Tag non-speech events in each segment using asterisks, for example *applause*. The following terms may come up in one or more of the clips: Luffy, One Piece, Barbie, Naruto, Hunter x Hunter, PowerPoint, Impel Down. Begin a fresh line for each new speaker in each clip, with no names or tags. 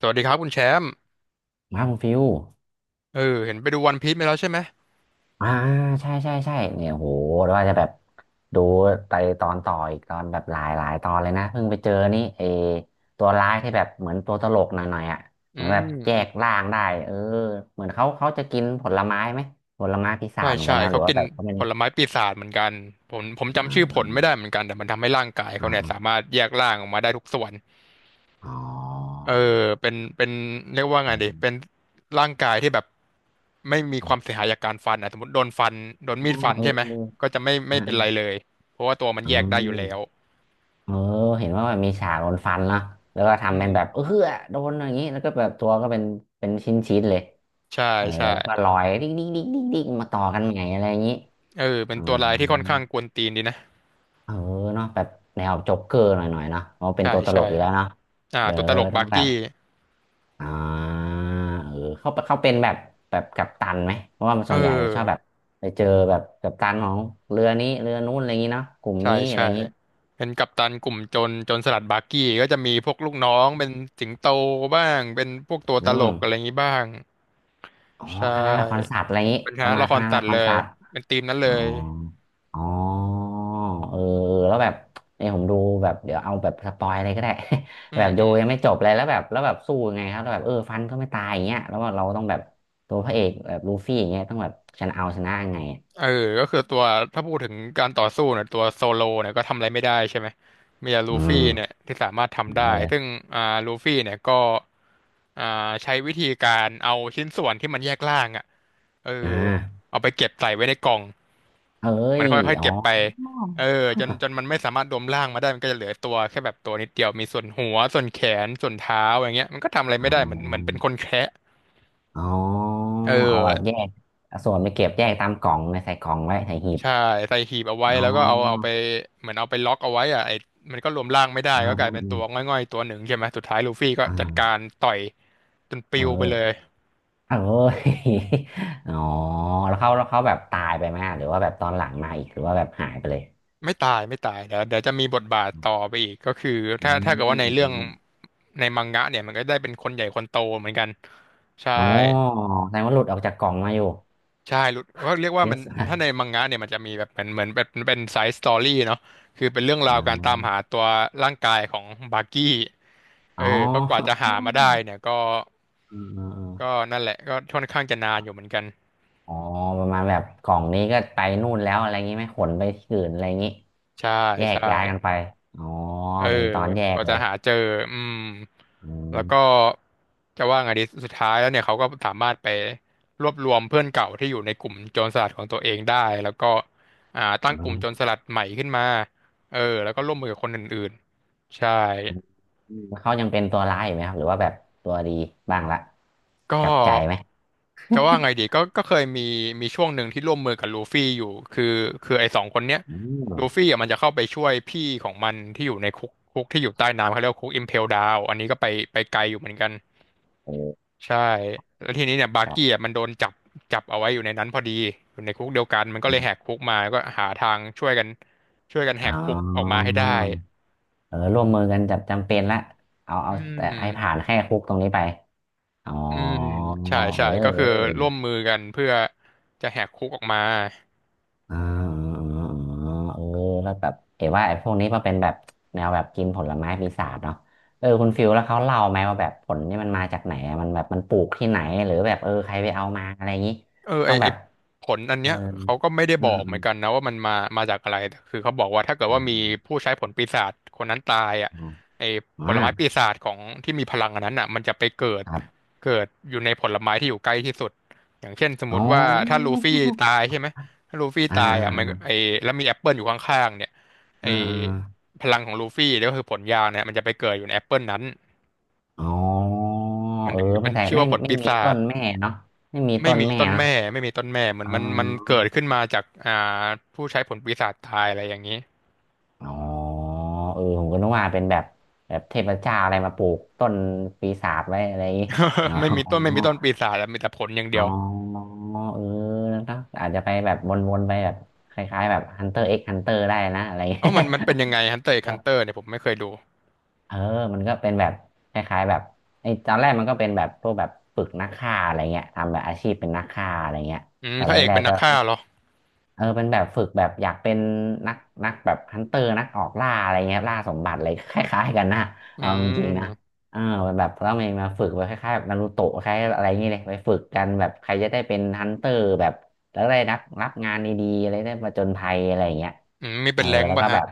สวัสดีครับคุณแชมป์
มาคุณฟิว
เห็นไปดูวันพีซมาแล้วใช่ไหม
อ่าใช่ใช่ใช่เนี่ยโหแ้วว่าจะแบบดูไปตอนต่ออีกตอนแบบหลายตอนเลยนะเพิ่งไปเจอนี่เอตัวร้ายที่แบบเหมือนตัวตลกหน่อยหน่อยอ่ะ
อื
เหมือน
ม
แบบแย
อืม
กร่างได้เออเหมือนเขาจะกินผลไม้ไหมผลไม้ปีศา
ใช่
จเหมือนกั
ใช่
นไหมห
เขา
รือ
กิ
ว่า
น
แบบเขาเป็
ผ
น
ลไม้ปีศาจเหมือนกันผม
อ่
จำชื่อผลไม่
า
ได้เหมือนกันแต่มันทำให้ร่างกายเขา
อ่า
เนี่ย
อา
สามารถแยกร่างออกมาได้ทุกส่วน
อ๋อ
เออเป็นเรียกว่าไง
อ๋
ดี
อ
เป็นร่างกายที่แบบไม่มีความเสียหายจากการฟันอ่ะสมมติโดนฟันโดนมีดฟัน
เอ
ใช่ไหมก็
อ
จะไม่เป็
เอ
นไร
ออ
เลยเพราะว่าตัวมันแยกได้อยู่แล้
ม
ว
เออเห็นว่าแบบมีฉากโดนฟันเนาะแล้วก็
อื
ทำเป็น
ม
แบบเออโดนอย่างนี้แล้วก็แบบตัวก็เป็นชิ้นชิ้นเลย
ใช่
เออ
ใช่
แล้วก็ลอยดิ๊กดิ๊กดิ๊กดิ๊กดิ๊กมาต่อกันใหม่อะไรอย่างนี้
เป็
อ๋
น
อ
ตัวลายที่ค่อนข้างกวนตีนดีนะ
เออเนาะแบบแนวโจ๊กเกอร์หน่อยหน่อยเนาะเพราะเป็น
ใช่
ตัวตล
ใช่
กอยู่แล้วเนาะ
อ่า
เด้อ
ตัวตลก
ต้
บา
อง
ร์
แบบ
กี้
อ่าเออเขาเป็นแบบแบบกัปตันไหมเพราะว่ามัน
เอ
ส่วนใหญ่จะชอบแบบ
อ
ไปเจอแบบกัปตันของเรือนี้เรือนู้นอะไรอย่างนี้เนาะกลุ่ม
ใช่
นี้อะไรอ
ใช่
ย่างนี้
เป็นกัปตันกลุ่มโจรสลัดบาร์กี้ก็จะมีพวกลูกน้องเป็นสิงโตบ้างเป็นพวกตัว
อื
ตลกอะไรอ
ม
ย่างนี้บ้าง
อ๋อ
ใช
คณะละคร
่
ศาสตร์อะไรอย่างนี้
เป็นค
ป
ณะ
ระมาณ
ละค
ค
ร
ณะ
สั
ละ
ต
ค
ว์เล
ร
ย
ศาสตร์
เป็นทีมนั้นเล
อ๋อ
ย
อ๋อเออแล้วแบบเนี่ยผมดูแบบเดี๋ยวเอาแบบสปอยอะไรก็ได้
อื
*laughs* แบ
ม
บ
อื
ดู
ม
ยังไม่จบเลยแล้วแบบแล้วแบบสู้ยังไงครับแล้วแบบเออฟันก็ไม่ตายอย่างเงี้ยแล้วเราต้องแบบตัวพระเอกแบบลูฟี่อย่างเงี้ยต้องแบบชนะเอาชนะยังไงอะ
เออก็คือตัวถ้าพูดถึงการต่อสู้เนี่ยตัวโซโลเนี่ยก็ทำอะไรไม่ได้ใช่ไหมมีแต่ลู
อื
ฟี่
ม
เนี่ยที่สามารถทำ
เอา
ได้
เลย
ซึ่งอ่าลูฟี่เนี่ยก็อ่าใช้วิธีการเอาชิ้นส่วนที่มันแยกล่างอ่ะเอ
อ่
อ
า
เอาไปเก็บใส่ไว้ในกล่อง
เอ้
มัน
ย
ค่อยๆ
อ๋อ
เก็บไปเออจนจนมัน
*laughs*
ไม่สามารถดมร่างมาได้มันก็จะเหลือตัวแค่แบบตัวนิดเดียวมีส่วนหัวส่วนแขนส่วนเท้าอย่างเงี้ยมันก็ทำอะไร
อ๋
ไม่ได้เหมือนเหมือนเป็น
อ
คนแคะ
อ๋อ
เออ
เอาแบบแยกเอาส่วนไปเก็บแยกตามกล่องในใส่กล่องไว้ใส่หีบ
ใช่ใส่หีบเอาไว้
อ๋อ
แล้วก็เอาไปเหมือนเอาไปล็อกเอาไว้อะไอมันก็รวมร่างไม่ได้
ค
ก็
รั
กลายเป็นตัว
บ
ง่อยๆตัวหนึ่งใช่ไหมสุดท้ายลูฟี่ก็
อ
จัดกา
่า
รต่อยจนป
เอ
ลิ
อ
ว
เอ
ไป
อ
เลย
*laughs* อ๋อแล้วเขาแบบตายไปไหมหรือว่าแบบตอนหลังมาอีกหรือว่าแบบหายไปเลย
ไม่ตายไม่ตายเดี๋ยวจะมีบทบาทต่อไปอีกก็คือ
อื
ถ้า
ม
เกิด
อื
ว่า
ม
ใน
อ
เรื่อง
ม
ในมังงะเนี่ยมันก็ได้เป็นคนใหญ่คนโตเหมือนกันใช่
อ๋อแสดงว่าหลุดออกจากกล่องมาอยู่
ใช่หลุดก็เรียกว่า
ชิ้น
มัน
ส่วน
ถ้าในมังงะเนี่ยมันจะมีแบบเหมือนเหมือนแบบเป็นไซส์สตอรี่เนาะคือเป็นเรื่องรา
อ๋อ
วการตามหาตัวร่างกายของบาร์กี้เอ
อ๋
อ
อ
ก็กว่าจะหามาได้เนี่ยก็
เออเออเออ
ก็นั่นแหละก็ค่อนข้างจะนานอยู่เหมือนกัน
อ๋อประมาณแบบกล่องนี้ก็ไปนู่นแล้วอะไรงี้ไหมขนไปที่อื่นอะไรงี้
ใช่
แย
ใช
กย้ายกัน
่
ไปอ๋อ
เออ
เป็นตอนแย
ก
ก
ว่า
เล
จะ
ย
หาเจออืม
อืม
แล้วก็จะว่าไงดีสุดท้ายแล้วเนี่ยเขาก็สามารถไปรวบรวมเพื่อนเก่าที่อยู่ในกลุ่มโจรสลัดของตัวเองได้แล้วก็ตั้งกลุ่มโจรสลัดใหม่ขึ้นมาแล้วก็ร่วมมือกับคนอื่นๆใช่
อืมแล้วเขายังเป็นตัวร้ายอยู่ไหมครับหรือว่าแบบตัวดีบ้างละก
ก็
ลับใจไหม
จะว่าไงดีก็ก็เคยมีมีช่วงหนึ่งที่ร่วมมือกับลูฟี่อยู่คือคือไอ้สองคนเนี้ย
อืม
ลูฟี่อ่ะมันจะเข้าไปช่วยพี่ของมันที่อยู่ในคุกที่อยู่ใต้น้ำเขาเรียกว่าคุกอิมเพลดาวอันนี้ก็ไปไปไกลอยู่เหมือนกัน
เออ
ใช่แล้วทีนี้เนี่ยบา
ค
ร์
รั
กี้
บ
อ่ะมันโดนจับจับเอาไว้อยู่ในนั้นพอดีอยู่ในคุกเดียวกันมันก็เลยแหกคุกมาก็หาทางช่วยกันช่วยกันแห
อ๋
ก
อ
คุกออกมาให้ได้
เออร่วมมือกันจับจำเป็นละเอา
อื
แต่
ม
ให้ผ่านแค่คุกตรงนี้ไปอ๋อ
อืมใช่
เอ
ใช่
อ
ก็
เ
คือร่ว
อ
ม
อ
มือกันเพื่อจะแหกคุกออกมา
อ่าเออเออแล้วแบบเอ๋ว่าไอ้พวกนี้มันเป็นแบบแนวแบบกินผลไม้ปีศาจเนาะเออคุณฟิลแล้วเขาเล่าไหมว่าแบบผลนี่มันมาจากไหนอะมันแบบมันปลูกที่ไหนหรือแบบเออใครไปเอามาอะไรอย่างนี้
เออไอ
ต้อง
ไอ
แบบ
ผลอัน
เออ
เนี้ยเขาก็ไม่ได้บอกเหมือนกันนะว่ามันมาจากอะไรแต่คือเขาบอกว่าถ้าเกิด
อื
ว่ามี
ม
ผู้ใช้ผลปีศาจคนนั้นตายอ่ะ
อืม
ไอ
อ๋อ
ผลไม้ปีศาจของที่มีพลังอันนั้นอ่ะมันจะไปเกิด
ครับ
เกิดอยู่ในผลไม้ที่อยู่ใกล้ที่สุดอย่างเช่นสมม
อ๋อ
ติว่าถ้าลูฟี่ตายใช่ไหมถ้าลูฟี่
อ่
ตายอ่ะมัน
า
แล้วมีแอปเปิลอยู่ข้างๆเนี่ยไอ
อ่าอ่าอ่า
พลังของลูฟี่เนี่ยก็คือผลยาเนี่ยมันจะไปเกิดอยู่ในแอปเปิลนั้น
อ๋อ
มัน
เออ
ถึง
ไม่
เป็น
แต่
ชื่อ
ไม่
ว่าผล
ไม่
ปี
มี
ศา
ต้
จ
นแม่เนาะไม่มี
ไม่
ต้น
มี
แม่
ต้น
เนาะ
แม่ไม่มีต้นแม่เหมือ
อ๋
นมันมัน
อ
เกิดขึ้นมาจากผู้ใช้ผลปีศาจตายอะไรอย่างนี้
อ๋อเออผมก็นึกว่าเป็นแบบแบบเทพเจ้าอะไรมาปลูกต้นปีศาจไว้อะไรอย่างงี้อ๋อ
*laughs* ไม่มีต้นไม่มีต้นปีศาจอะมีแต่ผลอย่าง
อ๋
เดียว
อเออแล้วก็อาจจะไปแบบวนๆไปแบบคล้ายๆแบบ Hunter x Hunter ได้นะอะไรอย่างเงี้
เอ้า
ย
มันมันเป็นยังไงฮันเตอร์ฮันเตอ
*laughs*
ร์เนี่ยผมไม่เคยดู
เออมันก็เป็นแบบคล้ายๆแบบไอ้ตอนแรกมันก็เป็นแบบพวกแบบฝึกนักฆ่าอะไรเงี้ยทำแบบอาชีพเป็นนักฆ่าอะไรเงี้ย
อืม
ตอน
พ
แร
ระเอกเป็
ก
น
ๆ
นั
ก็
กฆ่าเหรอ
เออเป็นแบบฝึกแบบอยากเป็นนักนักแบบฮันเตอร์นักออกล่าอะไรเงี้ยล่าสมบัติอะไรคล้ายๆกันนะ
อื
เอาจริงๆนะ
ม
เออเป็นแบบต้องมีมาฝึกไปคล้ายๆแบบนารูโตะคล้ายอะไรอย่างเงี้ยเลยไปฝึกกันแบบใครจะได้เป็นฮันเตอร์แบบแล้วได้รับงานดีๆอะไรได้มาจนภัยอะไรอย่างเงี้ย
อืมมี
เอ
เป็
อ
นแรงค์
แล้ว
ป่ะ
ก็
ฮะ
แบบ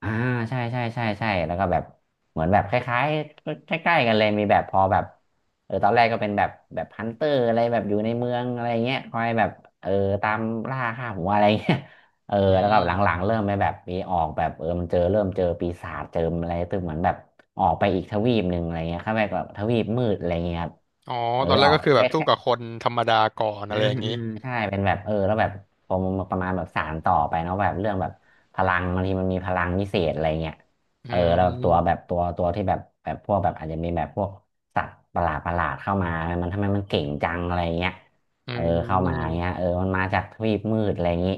อ่าใช่แล้วก็แบบเหมือนแบบคล้ายๆใกล้ๆกันเลยมีแบบพอแบบเออตอนแรกก็เป็นแบบแบบฮันเตอร์อะไรแบบอยู่ในเมืองอะไรเงี้ยคอยแบบเออตามล่าฆ่าหัวอะไรเงี้ย *laughs* เออ
อื
แล้วก็หลั
ม
งๆเริ่มไปแบบมีออกแบบเออมันเจอเริ่มเจอปีศาจเจออะไรตึมเหมือนแบบออกไปอีกทวีปหนึ่งอะไรเงี้ยเข้าไปแบบทวีปมืดอะไรเงี้ยครับ
อ๋อ
เออ
ตอนแร
อ
ก
อก
ก็คือแบบสู้กับคนธรรมดาก่อน
อื
อะไร
ม
อย่าง
อื
นี้
มใช่เป็นแบบเออแล้วแบบผมประมาณแบบสานต่อไปเนาะแบบเรื่องแบบพลังบางทีมันมีพลังพิเศษอะไรเงี้ย
อื
เออแล้วแบบตัวแบบ
ม
ตัวตัวที่แบบพวกแบบอาจจะมีแบบพวกสัตว์ประหลาดเข้ามามันทำไมมันเก่งจังอะไรเงี้ย
อื
เออเข้ามาเงี้ย
ม
เออมันมาจากทวีปมืดอะไรอย่างงี้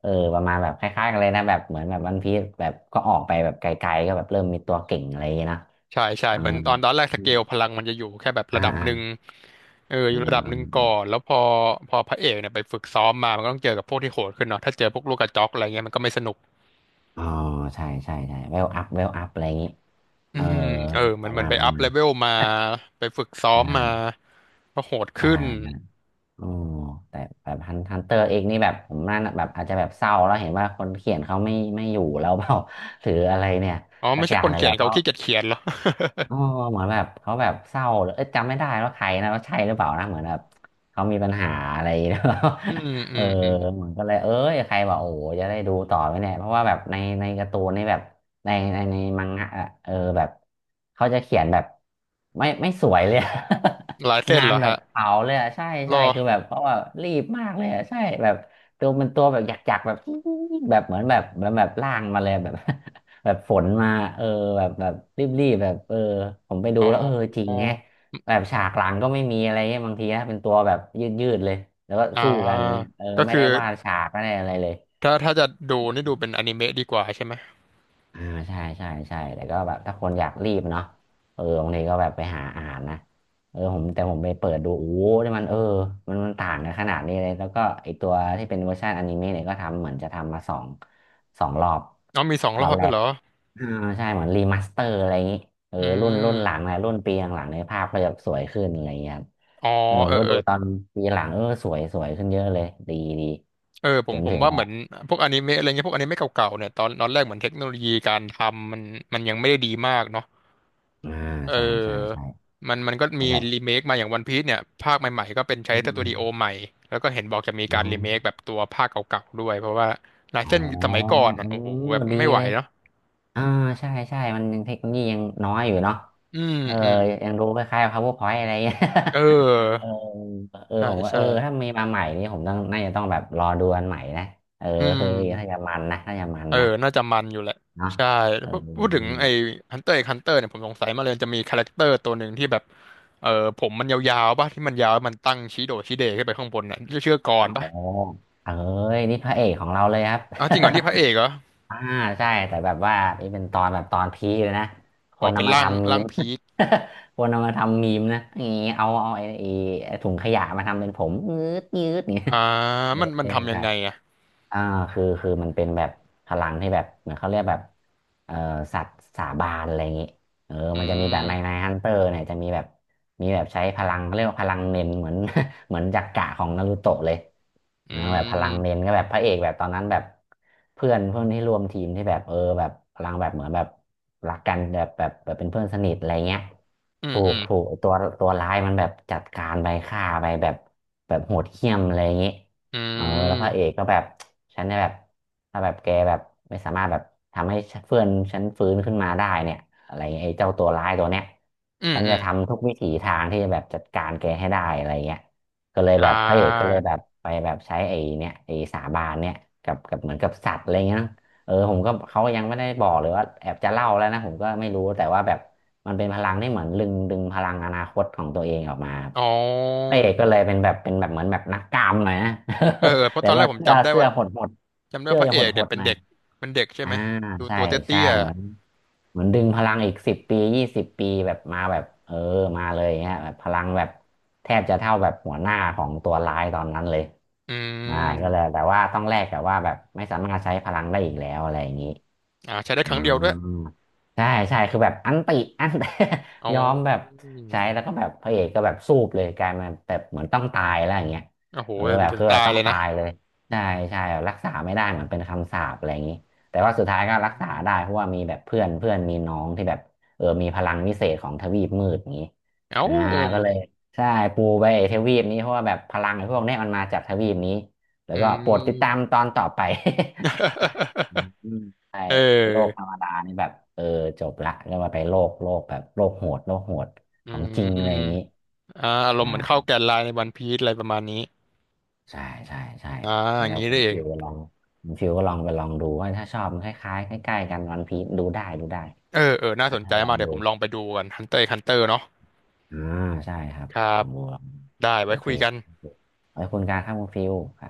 เออประมาณแบบคล้ายๆกันเลยนะแบบเหมือนแบบวันพีซแบบก็ออกไปแบบไกลๆก็แบบเริ่มมีตัวเก่งอะไรอย่างงี้นะ
ใช่ใช่
อื
เหมือ
ม
นตอนแรกส
อ
เกลพ
ม
ลังมันจะอยู่แค่แบบ
อ่า
ระดับ
อ่า
หนึ่งเอออ
อ่
ยู่ระดับห
า
นึ่งก่อนแล้วพอพระเอกเนี่ยไปฝึกซ้อมมามันก็ต้องเจอกับพวกที่โหดขึ้นเนาะถ้าเจอพวกลูกกระจอกอะไรเงี้ยมันก็ไม่สนุก
อ๋อใช่ใช่ใช่เวลอัพเวลอัพอะไรอย่างนี้
อื
เออ
มเออเห
ป
มือน
ระ
เหมือ
มา
น
ณ
ไป
ป
อั
ระ
พ
มา
เล
ณ
เวลมาไปฝึกซ้อ
*laughs* ได้
มมาก็โหด
ใช่
ขึ้น
นะโอ้แต่แบบฮันเตอร์เองนี่แบบผมน่าแบบอาจจะแบบเศร้าแล้วเห็นว่าคนเขียนเขาไม่อยู่แล้ว *laughs* เปล่า *laughs* ถืออะไรเนี่ย
อ๋อ
สั
ไม่
กอ
ใช่
ย่า
ค
ง
น
เลย
เขีย
แล้
น
ว
เขา
ก็
ขี้เกียจเขียนเหรอ
อ๋อเหมือนแบบเขาแบบเศร้าหรือเอยจำไม่ได้ว่าใครนะว่าใช่หรือเปล่านะเหมือนแบบเขามีปัญหาอะไรแล้ว
อืม
*laughs*
อื
เออ
มอืม
เหมือนก็เลยเอ้ยใครบอกโอ้โหจะได้ดูต่อไหมเนี่ยเพราะว่าแบบในการ์ตูนนี่แบบในมังงะอะเออแบบเขาจะเขียนแบบไม่สวยเลย
ลาย
*laughs*
เส้น
งา
เหร
น
อ
แบบ
ฮะ
เผาเลยอะใช่
ร
ใช่
อ
คือแบบเพราะว่ารีบมากเลยอะใช่แบบตัวเป็นตัวแบบหยักๆแบบแบบเหมือนแบบแบบแบบล่างมาเลยแบบ แบบฝนมาเออแบบแบบรีบๆแบบเออผมไปดู
อ๋
แล้วเออจริง
อ
แฮะแบบฉากหลังก็ไม่มีอะไรเงี้ยบางทีนะเป็นตัวแบบยืดๆเลยแล้วก็
อ่า
สู้กันเงี้ยเออ
ก็
ไม่
คือ
ได้วาดฉากไม่ได้อะไรเลย
ถ้าจะดูนี่ดูเป็นอนิเมะดีกว่าใช่ไหม
อ่าใช่ใช่ใช่แต่ก็แบบถ้าคนอยากรีบเนาะเออบางทีก็แบบไปหาอ่านนะเออผมแต่ผมไปเปิดดูโอ้โหนี่มันเออมันมันต่างกันขนาดนี้เลยแล้วก็ไอตัวที่เป็นเวอร์ชันอนิเมะเนี่ยก็ทำเหมือนจะทำมาสองรอบ
อ๋อมีสอง
ร
ร
อ
อ
บ
บ
แร
ด้วย
ก
เหรอ
อ่าใช่เหมือนรีมาสเตอร์อะไรอย่างนี้เออ
อื
รุ่นหลัง
ม
นะรุ่นปีหลังๆในยภาพก็จะสวยขึ้นอะไรอย่างเงี้ยครับ
อ๋อ
เออผ
เอ
ม
อ
ก็
เอ
ดู
อ
ตอนปีหลังเออสวยสวยขึ้นเยอะเลยดีดี
เออผ
จ
ม
น
ผ
ถึ
ม
ง
ว่าเห
ว่า
มือนพวกอนิเมะอะไรเงี้ยพวกอนิเมะเก่าๆเนี่ยตอนแรกเหมือนเทคโนโลยีการทำมันยังไม่ได้ดีมากเนาะ
อ่า
เอ
ใช่ใช่
อ
ใช่
มันก็
แล้ว
มี
บบ
รีเมคมาอย่างวันพี e เนี่ยภาคใหม่ๆก็เป็นใช้
อืม
ส
อื
ตู
ม
ดิโอใหม่แล้วก็เห็นบอกจะมีการรีเมคแบบตัวภาคเก่าๆด้วยเพราะว่าหลาย
อ๋อ
เช่นสมัยก่อน
เอ
อะ
อ
โอ้โหแบบ
ดี
ไม่ไหว
เลย
เนาะ
อ่าใช่ใช่มันยังเทคโนโลยียังน้อยอยู่เนาะ
อืม
เออ
อืม
ยังดูคล้ายๆ PowerPoint อะไรเงี้ย
เ
*laughs* เอ
ออ
อเออ
ใช่
ผมว่าเอ
ใช่
อถ้ามีมาใหม่นี่ผมต้องน่าจะต้องแบบรอดูอันใหม่นะเออ
อื
เฮ้ยถ้า
ม
จะมันนะถ้าจะมัน
เออ
นะ
น่าจะมันอยู่แหละ
เนาะ
ใช่
เอ
พูดถึง
อ
ไอ้ฮันเตอร์ไอ้ฮันเตอร์เนี่ยผมสงสัยมาเลยจะมีคาแรคเตอร์ตัวหนึ่งที่แบบ เออผมมันยาวๆป่ะที่มันยาวมันตั้งช้โดดช้เดขึ้นไปข้างบนน่ะชื่อก
อ๋
ร
อ
ป่ะ
เอ้ยนี่พระเอกของเราเลยครับ
อ๋อจริงเหรอนี่พระเอกเหรอ
*laughs* อ่าใช่แต่แบบว่านี่เป็นตอนแบบตอนพีคเลยนะค
อ๋อ
น
เป็น
นำมาทำมี
ร่าง
ม
พีค
*laughs* คนนำมาทำมีมนะนี่เอาเอาไอ้ไอ้ถุงขยะมาทำเป็นผมงืดงืดเนี่ย
อ่า
เออ
มันทำยั
ใช่
งไงอ่ะ
อ่าคือคือมันเป็นแบบพลังที่แบบเหมือนเขาเรียกแบบเอ่อสัตว์สาบานอะไรอย่างงี้เออ
อื
มันจะมีแบบในใน
ม
ฮันเตอร์เนี่ยจะมีแบบมีแบบใช้พลังเขาเรียกว่าพลังเน้นเหมือน *laughs* เหมือนจักกะของนารูโตะเลย
อื
นะแบบพลังเน้
ม
นก็แบบพระเอกแบบตอนนั้นแบบเพื่อนเพื่อนที่ร่วมทีมที่แบบเออแบบพลังแบบเหมือนแบบรักกันแบบแบบแบบเป็นเพื่อนสนิทอะไรเงี้ย
อืม
ถู
อื
ก
ม
ถูกไอ้ตัวตัวร้ายมันแบบจัดการไปฆ่าไปแบบแบบโหดเหี้ยมอะไรอย่างงี้
อื
เออแล้วพระ
ม
เอกก็แบบฉันเนี่ยแบบถ้าแบบแกแบบไม่สามารถแบบทำให้เพื่อนฉันฟื้นขึ้นมาได้เนี่ยอะไรเงี้ยไอ้เจ้าตัวร้ายตัวเนี้ย
อืม
ฉัน
อื
จะ
ม
ทำทุกวิถีทางที่จะแบบจัดการแกให้ได้อะไรเงี้ยก็เลย
อ่า
แบบพระเอกก็เลยแบบไปแบบใช้ไอ้เนี่ยไอ้สาบานเนี่ยกับกับเหมือนกับสัตว์อะไรเงี้ยนะเออผมก็เขายังไม่ได้บอกเลยว่าแอบจะเล่าแล้วนะผมก็ไม่รู้แต่ว่าแบบ มันเป็นพลังที่เหมือนดึงพลังอนาคตของตัวเองออกมาครับ
อ๋อ
พระเอกก็เลยเป็นแบบเป็นแบบเหมือนแบบนักกามหน่อยนะ
เออเออเพ
*laughs*
ราะ
แต่
ตอนแร
ว่า
กผม
เสื้อเสื้อหดหด
จำได้
เสื้อ
ว่าพระ
จะ
เอ
หด
ก
ห
เนี่ย
ด
เป็
ห
น
น่อย
เด็กเป็นเด็กใช่
อ่า
ไหมดู
ใช่
ตัว
ใช่
เตี้ย
เหมือนเหมือนดึงพลังอีกสิบปี20 ปีแบบมาแบบเออมาเลยเงี้ยแบบพลังแบบแทบจะเท่าแบบหัวหน้าของตัวร้ายตอนนั้นเลย
ๆอื
อ่า
ม
ก็เลยแต่ว่าต้องแลกกับว่าแบบไม่สามารถใช้พลังได้อีกแล้วอะไรอย่างนี้
อ่าใช้ได้ค
อ๋
รั้งเดียวด้วย
อใช่ใช่คือแบบอันติอัน
เอา
*laughs* ยอมแบบใช้แล้วก็แบบพระเอกก็แบบสูบเลยกลายมาแบบเหมือนต้องตายแล้วอย่างเงี้ย
โอ้โห
เออแบบ
ถึง
คือแบ
ตา
บ
ย
ต้อง
เลย
ตา
นะ
ยเลยใช่ใช่แบบรักษาไม่ได้เหมือนเป็นคำสาปอะไรอย่างนี้แต่ว่าสุดท้าย
อ
ก็รักษา
ื
ได้
ม
เพราะว่ามีแบบเพื่อนเพื่อนมีน้องที่แบบเออมีพลังวิเศษของทวีปมืดอย่างนี้
เอ้า
อ่าก็เลยใช่ปูไปไอ้ทวีปนี้เพราะว่าแบบพลังไอ้พวกเนี้ยมันมาจากทวีปนี้แล้ว
อื
ก็โปรดติดตา
ม
ม
*laughs*
ตอนต่อไป อืมใช่
เอ
โลก
อ
ธรรมดานี่แบบเออจบละก็มาไปโลกโลกแบบโลกโหดโลกโหด
อื
ของจริงอะไรอย่างนี้
มอ่าอารมณ์เห
นะ
มือนเข้าแกนไลน์ในวันพีซอะไรประมาณนี้
ใช่ใช่ใช่
อ่า
ไป
อย่าง
แล้ว
นี้ได้เอง
คุณฟิวก็ลองไปลองดูว่าถ้าชอบมันคล้ายๆใกล้ๆกันวันพีซดูได้ดูได้
เออเออ น่า
อ่ะ
สนใจ
ถ้าลอ
มาก
ง
เดี๋ยว
ดู
ผมลองไปดูกัน Hunter x Hunter เนาะ
อ่าใช่ครับ
ครั
ลอ
บ
งดูลองดู
ได้
โอ
ไว้
เค
คุยกัน
ไว้คุณการครับคุณฟิว